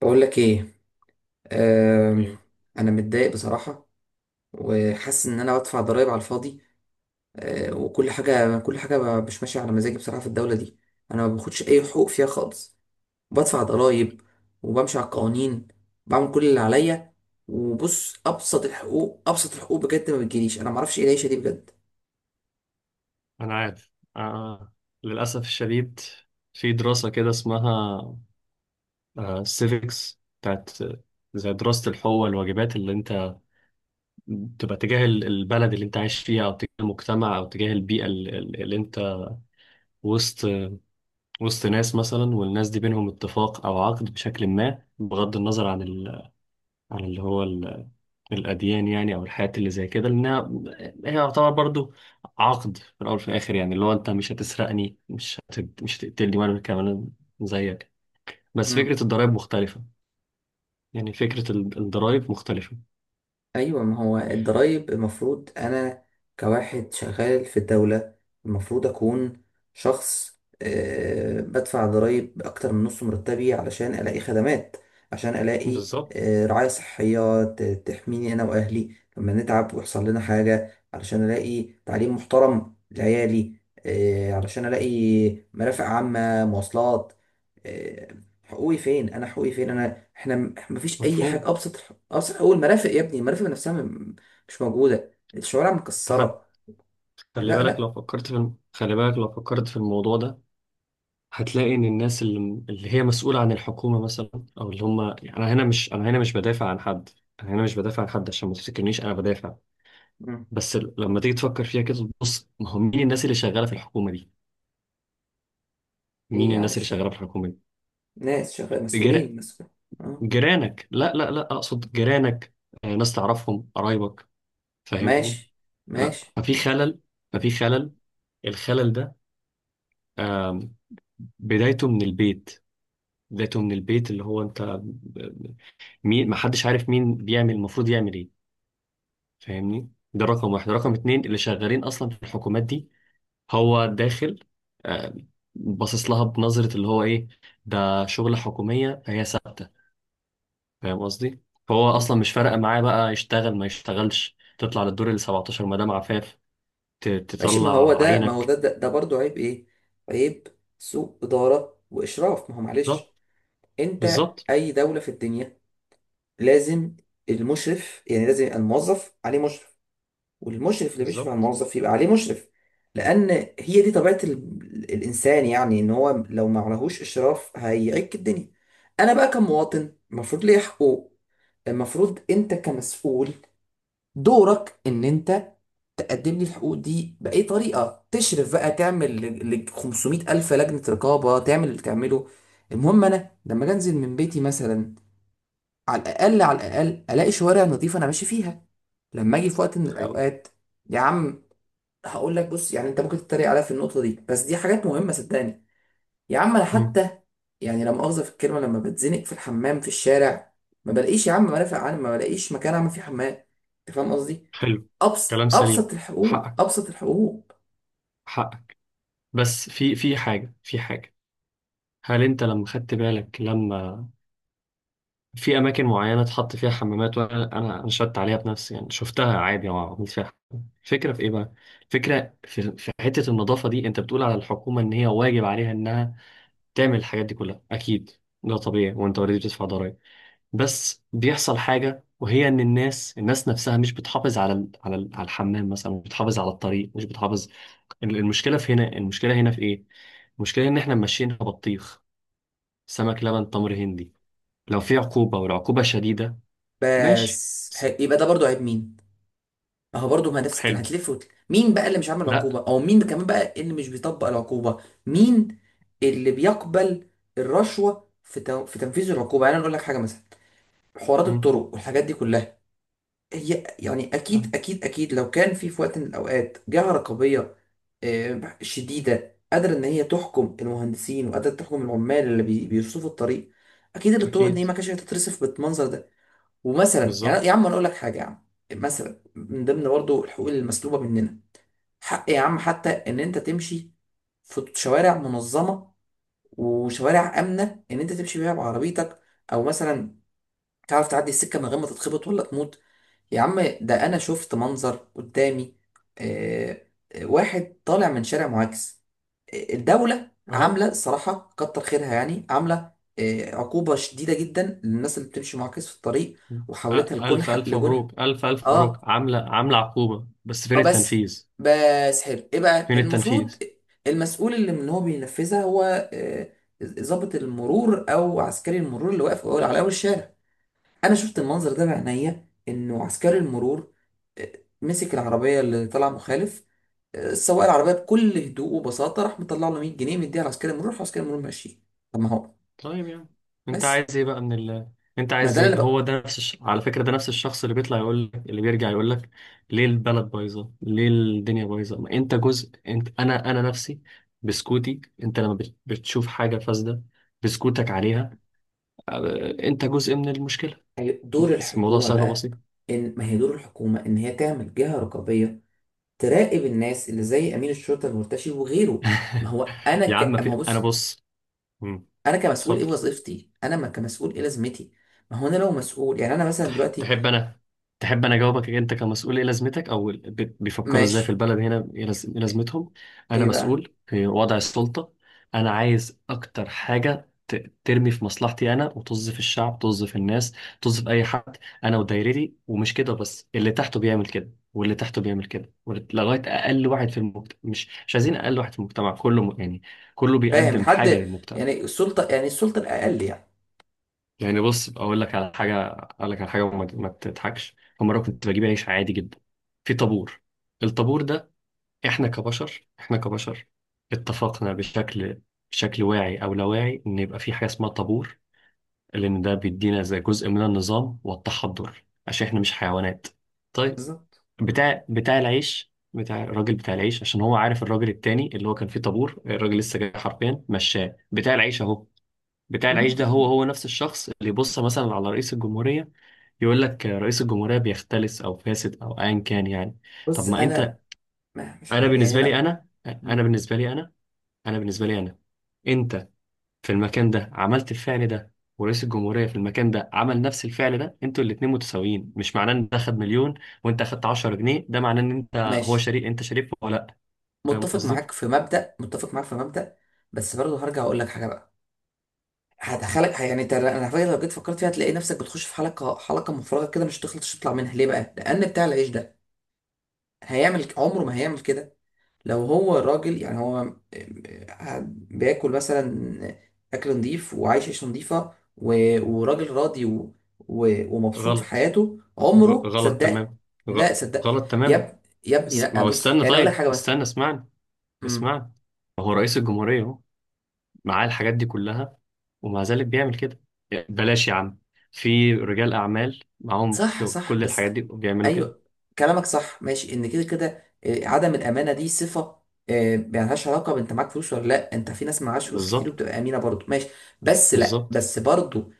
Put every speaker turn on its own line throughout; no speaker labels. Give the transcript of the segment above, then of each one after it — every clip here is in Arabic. بقول لك ايه. آم،
اوكي،
انا متضايق بصراحه، وحاسس ان انا بدفع ضرائب على الفاضي. وكل حاجه مش ماشيه على مزاجي بصراحه في الدوله دي. انا ما باخدش اي حقوق فيها خالص، بدفع ضرائب، وبمشي على القوانين، بعمل كل اللي عليا. وبص، ابسط الحقوق بجد ما بتجيليش، انا ما اعرفش ايه العيشه دي بجد.
انا عارف. آه. للاسف الشديد، في دراسه كده اسمها سيفكس بتاعت، زي دراسه الحقوق والواجبات اللي انت تبقى تجاه البلد اللي انت عايش فيها، او تجاه المجتمع، او تجاه البيئه اللي انت وسط وسط ناس مثلا، والناس دي بينهم اتفاق او عقد بشكل ما، بغض النظر عن ال... عن اللي هو الأديان يعني، أو الحاجات اللي زي كده، لأنها هي يعتبر برضو عقد في الأول وفي الآخر، يعني اللي هو أنت مش هتسرقني، مش هتقتلني، وأنا كمان زيك. بس فكرة الضرايب مختلفة، يعني فكرة الضرايب مختلفة.
ايوه، ما هو الضرايب المفروض انا كواحد شغال في الدولة المفروض اكون شخص بدفع ضرايب اكتر من نص مرتبي علشان الاقي خدمات، عشان الاقي
بالظبط.
رعاية صحية تحميني انا واهلي لما نتعب ويحصل لنا حاجة، علشان الاقي تعليم محترم لعيالي، علشان الاقي مرافق عامة، مواصلات، آه، حقوقي فين انا؟ حقوقي فين انا؟ احنا مفيش اي
مفهوم.
حاجه. ابسط اول مرافق يا ابني، المرافق نفسها مش موجوده، الشوارع
أنت حت-
مكسره.
خلي
لا
بالك لو
لا
فكرت في الموضوع ده، هتلاقي إن الناس اللي هي مسؤولة عن الحكومة مثلا، أو اللي هم يعني، أنا هنا مش بدافع عن حد، أنا هنا مش بدافع عن حد عشان ما تفتكرنيش أنا بدافع.
مم.
بس لما تيجي تفكر فيها كده، بص ما هو مين الناس اللي شغاله في الحكومه دي؟
ايه
مين
يعني؟
الناس
مش
اللي
فاهم.
شغاله في الحكومه دي؟
ناس شغال،
جر...
مسؤول. اه.
جيرانك. لا لا لا، اقصد جيرانك، ناس تعرفهم قرايبك. فاهمني؟
ماشي،
ف-
ماشي.
ففي خلل ففي خلل. الخلل ده، آم، بدايته من البيت، بدايته من البيت اللي هو انت ب- مين ما حدش عارف مين بيعمل، المفروض يعمل ايه؟ فاهمني؟ ده رقم واحد. رقم اتنين، اللي شغالين اصلا في الحكومات دي هو داخل، آه، باصص لها بنظرة اللي هو ايه، ده شغلة حكومية هي ثابتة. فاهم قصدي؟ فهو اصلا
مم.
مش فارقة معاه بقى، يشتغل ما يشتغلش، تطلع للدور ال 17 مدام عفاف،
ماشي، ما هو
تطلع
ده،
عينك.
ده برضه عيب، ايه عيب؟ سوء اداره واشراف. ما هو معلش
بالظبط.
انت،
بالظبط.
اي دوله في الدنيا لازم المشرف، يعني لازم الموظف عليه مشرف، والمشرف اللي بيشرف على
بالظبط.
الموظف يبقى عليه مشرف. لان هي دي طبيعه الانسان، يعني ان هو لو ما عليهوش اشراف هيعك الدنيا. انا بقى كمواطن المفروض ليا حقوق، المفروض انت كمسؤول دورك ان انت تقدم لي الحقوق دي باي طريقه. تشرف بقى، تعمل 500 الف لجنه رقابه، تعمل اللي تعمله. المهم انا لما أجي انزل من بيتي مثلا، على الاقل الاقي شوارع نظيفه انا ماشي فيها. لما اجي في وقت من
حقيقي.
الاوقات يا عم، هقول لك بص، يعني انت ممكن تتريق عليا في النقطه دي بس دي حاجات مهمه صدقني. يا عم انا
مم.
حتى، يعني لا مؤاخذه في الكلمه، لما بتزنق في الحمام في الشارع ما بلاقيش يا عم مرافق عام، ما بلاقيش مكان اعمل فيه حمام. انت فاهم قصدي؟
حلو.
ابسط،
كلام سليم. حقك.
ابسط الحقوق.
حقك. بس في في حاجة، في حاجة. هل انت لما خدت بالك، لما في اماكن معينه اتحط فيها حمامات، وانا انا نشدت عليها بنفسي يعني، شفتها عادي وعملت فيها حمام. الفكره في ايه بقى؟ الفكره في حته النظافه دي. انت بتقول على الحكومه ان هي واجب عليها انها تعمل الحاجات دي كلها، اكيد ده طبيعي، وانت اوريدي بتدفع ضرائب. بس بيحصل حاجه، وهي ان الناس نفسها مش بتحافظ على على الحمام مثلا، مش بتحافظ على الطريق، مش بتحافظ. المشكله هنا في ايه؟ المشكله ان احنا ماشيين بطيخ سمك لبن تمر هندي. لو في عقوبة والعقوبة شديدة. ماشي. س-
يبقى ده برضو عيب مين؟ ما هو برضو ما نفس الكلام،
حلو.
مين بقى اللي مش عامل عقوبه؟
لا.
او مين كمان بقى اللي مش بيطبق العقوبه؟ مين اللي بيقبل الرشوه في تنفيذ العقوبه؟ يعني انا اقول لك حاجه مثلا، حوارات
مم.
الطرق والحاجات دي كلها، هي يعني
لا.
اكيد لو كان في وقت من الاوقات جهه رقابيه شديده قادره ان هي تحكم المهندسين، وقادره تحكم العمال اللي بيرصفوا الطريق، اكيد ان الطرق دي
اكيد.
ما كانتش هتترصف بالمنظر ده. ومثلا يعني يا
بالظبط.
عم، انا اقول لك حاجه يا عم، مثلا من ضمن برضه الحقوق المسلوبه مننا، حق يا عم حتى ان انت تمشي في شوارع منظمه، وشوارع امنه ان انت تمشي فيها بعربيتك، او مثلا تعرف تعدي السكه من غير ما تتخبط ولا تموت. يا عم ده انا شفت منظر قدامي، آه، واحد طالع من شارع معاكس. الدولة
اهو.
عاملة صراحة كتر خيرها، يعني عاملة عقوبة شديدة جدا للناس اللي بتمشي معاكس في الطريق،
مم.
وحولتها
الف
لجنح،
الف
لجنح.
مبروك، الف الف مبروك.
اه،
عامله عقوبه، بس فين
اه بس،
التنفيذ؟
بس حلو، ايه بقى
فين
المفروض؟
التنفيذ؟
المسؤول اللي هو بينفذها هو آه، ضابط المرور او عسكري المرور اللي واقف على اول الشارع. انا شفت المنظر ده بعينيا، انه عسكري المرور آه، مسك العربيه اللي طلع مخالف، سواق العربيه بكل هدوء وبساطه راح مطلع له 100 جنيه، مديها لعسكري المرور، راح عسكري المرور ماشي. طب ما هو،
طيب يعني انت
بس،
عايز ايه بقى انت
ما
عايز
ده اللي انا
ايه؟ هو
بقى،
ده على فكره، ده نفس الشخص اللي بيطلع يقول لك، اللي بيرجع يقول لك، ليه البلد بايظه، ليه الدنيا بايظه؟ ما انت جزء، انت، انا نفسي بسكوتي، انت لما بتشوف حاجه فاسده بسكوتك عليها، أ- انت جزء من المشكله.
أيوة، دور
بس الموضوع
الحكومه
سهل
بقى،
وبسيط.
ان ما هي دور الحكومه ان هي تعمل جهه رقابيه، تراقب الناس اللي زي امين الشرطه المرتشي وغيره.
يا عم، ما
ما هو
في، انا
بص،
بص. مم.
انا كمسؤول ايه
اتفضل.
وظيفتي انا؟ ما كمسؤول ايه لازمتي؟ ما هو انا لو مسؤول، يعني انا مثلا دلوقتي،
تحب انا تحب انا اجاوبك، انت كمسؤول ايه لازمتك، او بيفكروا ازاي
ماشي،
في البلد هنا ايه إيه لازمتهم؟ انا
ايه بقى؟
مسؤول في وضع السلطة، انا عايز اكتر حاجة ترمي في مصلحتي انا، وطز في الشعب، طز في الناس، طز في اي حد. انا ودايرتي، ومش كده بس، اللي تحته بيعمل كده، واللي تحته بيعمل كده، وال- لغايه اقل واحد في المجتمع، مش عايزين اقل واحد في المجتمع كله يعني كله
فاهم
بيقدم حاجه
حد؟
للمجتمع.
يعني السلطه، الاقل يعني.
يعني بص، اقول لك على حاجه، اقول لك على حاجه، وما ما تضحكش. فمره كنت بجيب عيش عادي جدا، في طابور. الطابور ده، احنا كبشر، احنا كبشر اتفقنا بشكل واعي او لا واعي، ان يبقى في حاجه اسمها طابور، لان ده بيدينا زي جزء من النظام والتحضر، عشان احنا مش حيوانات. طيب،
بالظبط. مم.
بتاع العيش، بتاع الراجل بتاع العيش، عشان هو عارف الراجل التاني اللي هو كان فيه طابور، الراجل لسه جاي حرفيا، مشاه بتاع العيش اهو. بتاع العيش ده،
مم.
هو نفس الشخص اللي يبص مثلا على رئيس الجمهورية، يقول لك رئيس الجمهورية بيختلس او فاسد او ايا كان، يعني طب
بص
ما انت.
انا، ما مش
انا
عارف يعني
بالنسبة لي
انا.
انا انا
مم.
بالنسبة لي انا انا بالنسبة لي انا، انت في المكان ده عملت الفعل ده، ورئيس الجمهورية في المكان ده عمل نفس الفعل ده، انتوا الاتنين متساويين. مش معناه ان ده خد مليون وانت اخدت 10 جنيه، ده معناه ان انت هو
ماشي،
شريك. انت شريك ولا لا؟ فاهم قصدي؟
متفق معاك في مبدأ، بس برضه هرجع اقول لك حاجه بقى، هدخلك. يعني انت، انا على فكرة لو جيت فكرت فيها هتلاقي نفسك بتخش في حلقه، حلقه مفرغه كده مش تخلطش تطلع منها. ليه بقى؟ لان بتاع العيش ده هيعمل عمره ما هيعمل كده. لو هو راجل يعني، هو قاعد بياكل مثلا اكل نظيف، وعايش عيشه نظيفه، وراجل راضي ومبسوط في
غلط.
حياته، عمره
غلط
صدق.
تمام. غ-
لا، صدق.
غلط
يا
تمام.
اب... يا ابني
ما
لا،
هو
بص
استنى،
انا اقول لك
طيب
حاجه بس.
استنى، اسمعني،
امم
اسمعني. هو رئيس الجمهورية اهو، معاه الحاجات دي كلها، ومع ذلك بيعمل كده. بلاش يا عم، في رجال أعمال معاهم
صح، صح
كل
بس،
الحاجات دي وبيعملوا كده.
ايوه كلامك صح، ماشي ان كده كده عدم الامانه دي صفه، يعني ملهاش علاقه بانت معاك فلوس ولا لا، انت في ناس معهاش فلوس كتير
بالظبط.
وبتبقى امينه برضه، ماشي. بس لا،
بالظبط.
بس برضه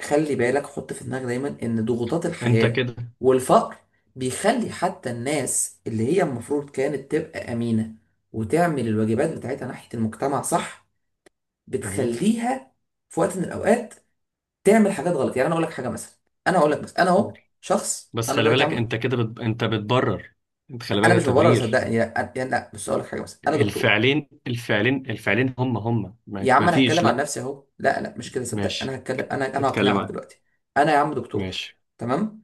خلي بالك، حط في دماغك دايما ان ضغوطات
انت
الحياة
كده.
والفقر بيخلي حتى الناس اللي هي المفروض كانت تبقى أمينة وتعمل الواجبات بتاعتها ناحية المجتمع صح،
مهم.
بتخليها في وقت من الأوقات تعمل حاجات غلط. يعني أنا أقول لك حاجة مثلا، أنا أقول لك مثلا أنا
قول.
أهو شخص
بس
أنا
خلي
دلوقتي
بالك
عم.
انت كده انت بتبرر. انت خلي بالك
أنا
ده
مش ببرر
تبرير.
صدقني، لا أنا- يعني لا بس أقول لك حاجة مثلا، أنا دكتور.
الفعلين الفعلين، هم
يا
ما
عم
ما
انا
فيش،
هتكلم عن
لا.
نفسي اهو، لا لا مش كده صدق، انا
ماشي.
هتكلم، انا
اتكلم
هقنعك
عنه.
دلوقتي. انا يا عم دكتور،
ماشي.
تمام؟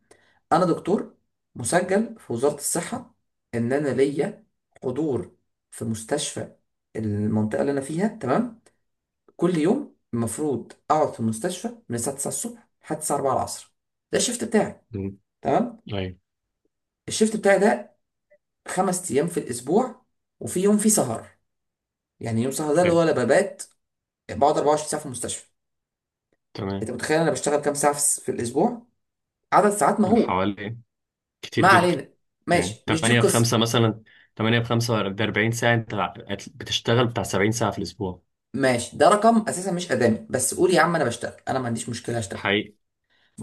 انا دكتور مسجل في وزارة الصحة، ان انا ليا حضور في مستشفى المنطقة اللي انا فيها، تمام. كل يوم المفروض اقعد في المستشفى من الساعة 9 الصبح لحد الساعة 4 العصر. ده الشيفت بتاعي،
مم.
تمام.
طيب.
الشيفت بتاعي ده خمس ايام في الاسبوع، وفي يوم فيه سهر، يعني يوم سهر ده اللي
حلو.
هو انا ببات، بقعد 24 ساعة في المستشفى.
تمام.
انت متخيل انا بشتغل كام ساعه في الاسبوع؟ عدد ساعات مهول.
حوالي.
ما
كتير جدا.
علينا،
يعني
ماشي مش دي
8
القصه.
بخمسة مثلا، 8 بخمسة ده 40 ساعة، انت بتشتغل بتاع 70 ساعة في الأسبوع.
ماشي، ده رقم اساسا مش ادامي، بس قول يا عم انا بشتغل، انا ما عنديش مشكله اشتغل.
حقيقي.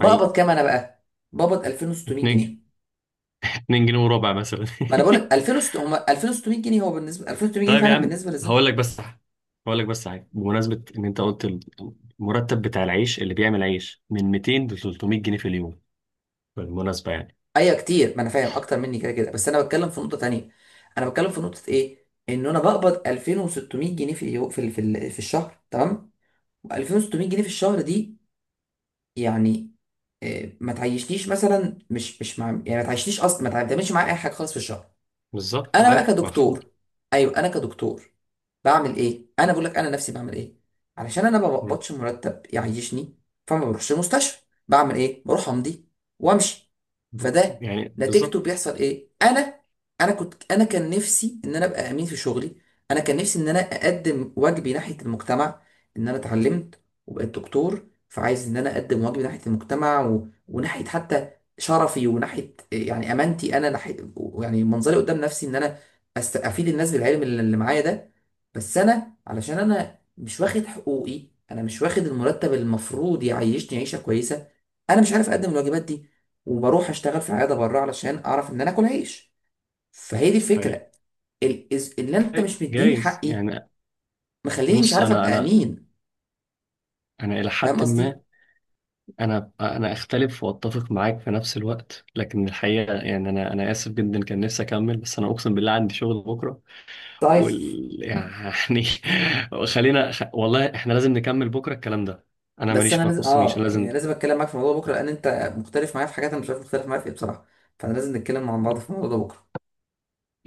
حقيقي.
كام انا بقى؟ بقبض 2600
2،
جنيه
2 جنيه وربع مثلا.
ما انا بقول لك 2600 هم، 2600 جنيه هو بالنسبه، 2600 جنيه
طيب يا
فعلا
عم،
بالنسبه للزمن.
هقول لك بس هقول لك بس حاجة بمناسبة إن أنت قلت المرتب بتاع العيش اللي بيعمل عيش من 200 ل 300 جنيه في اليوم، بالمناسبة يعني.
ايوه كتير، ما انا فاهم اكتر مني كده كده، بس انا بتكلم في نقطه تانية. انا بتكلم في نقطه ايه، ان انا بقبض 2600 جنيه في اليو... في ال... في, ال... في الشهر، تمام. و2600 جنيه في الشهر دي يعني ما تعيشنيش مثلا، مش مش مع يعني ما تعيشنيش اصلا، ما تعملش معايا اي حاجه خالص في الشهر.
بالظبط.
انا بقى
عارف. مفهوم.
كدكتور، ايوه انا كدكتور بعمل ايه؟ انا بقول لك انا نفسي بعمل ايه، علشان انا ما
مم.
بقبضش مرتب يعيشني فما بروحش المستشفى. بعمل ايه؟ بروح امضي وامشي.
ب...
فده
يعني
نتيجته
بالظبط.
بيحصل ايه؟ انا كان نفسي ان انا ابقى امين في شغلي، انا كان نفسي ان انا اقدم واجبي ناحية المجتمع، ان انا اتعلمت وبقيت دكتور فعايز ان انا اقدم واجبي ناحية المجتمع وناحية حتى شرفي، وناحية يعني امانتي انا ناحية، يعني منظري قدام نفسي، ان انا افيد الناس بالعلم اللي معايا ده. بس انا علشان انا مش واخد حقوقي، انا مش واخد المرتب اللي المفروض يعيشني عيشه كويسه، انا مش عارف اقدم الواجبات دي، وبروح اشتغل في عياده بره علشان اعرف ان انا اكل عيش. فهي دي
حقيقي.
الفكره، اللي انت مش مديني
جايز
حقي
يعني.
مخليني مش
بص،
عارف ابقى امين.
أنا إلى
فاهم
حد ما،
قصدي؟
انا اختلف واتفق معاك في نفس الوقت، لكن الحقيقه يعني، انا اسف جدا، كان نفسي اكمل، بس انا اقسم بالله عندي شغل بكره
طيب
وال يعني. خلينا، والله احنا لازم نكمل بكره الكلام ده، انا
بس
ماليش،
انا
ما
لازم،
يخصنيش، انا
اه
لازم.
يعني لازم اتكلم معاك في الموضوع بكره، لان انت مختلف معايا في حاجات، انا مش عارف مختلف معايا في ايه بصراحه، فانا لازم نتكلم مع بعض في الموضوع ده بكره.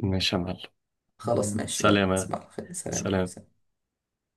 ماشي يا
خلاص
معلم.
ماشي، يلا
سلام.
تصبح على خير، سلام يا
سلام.
حبيبي.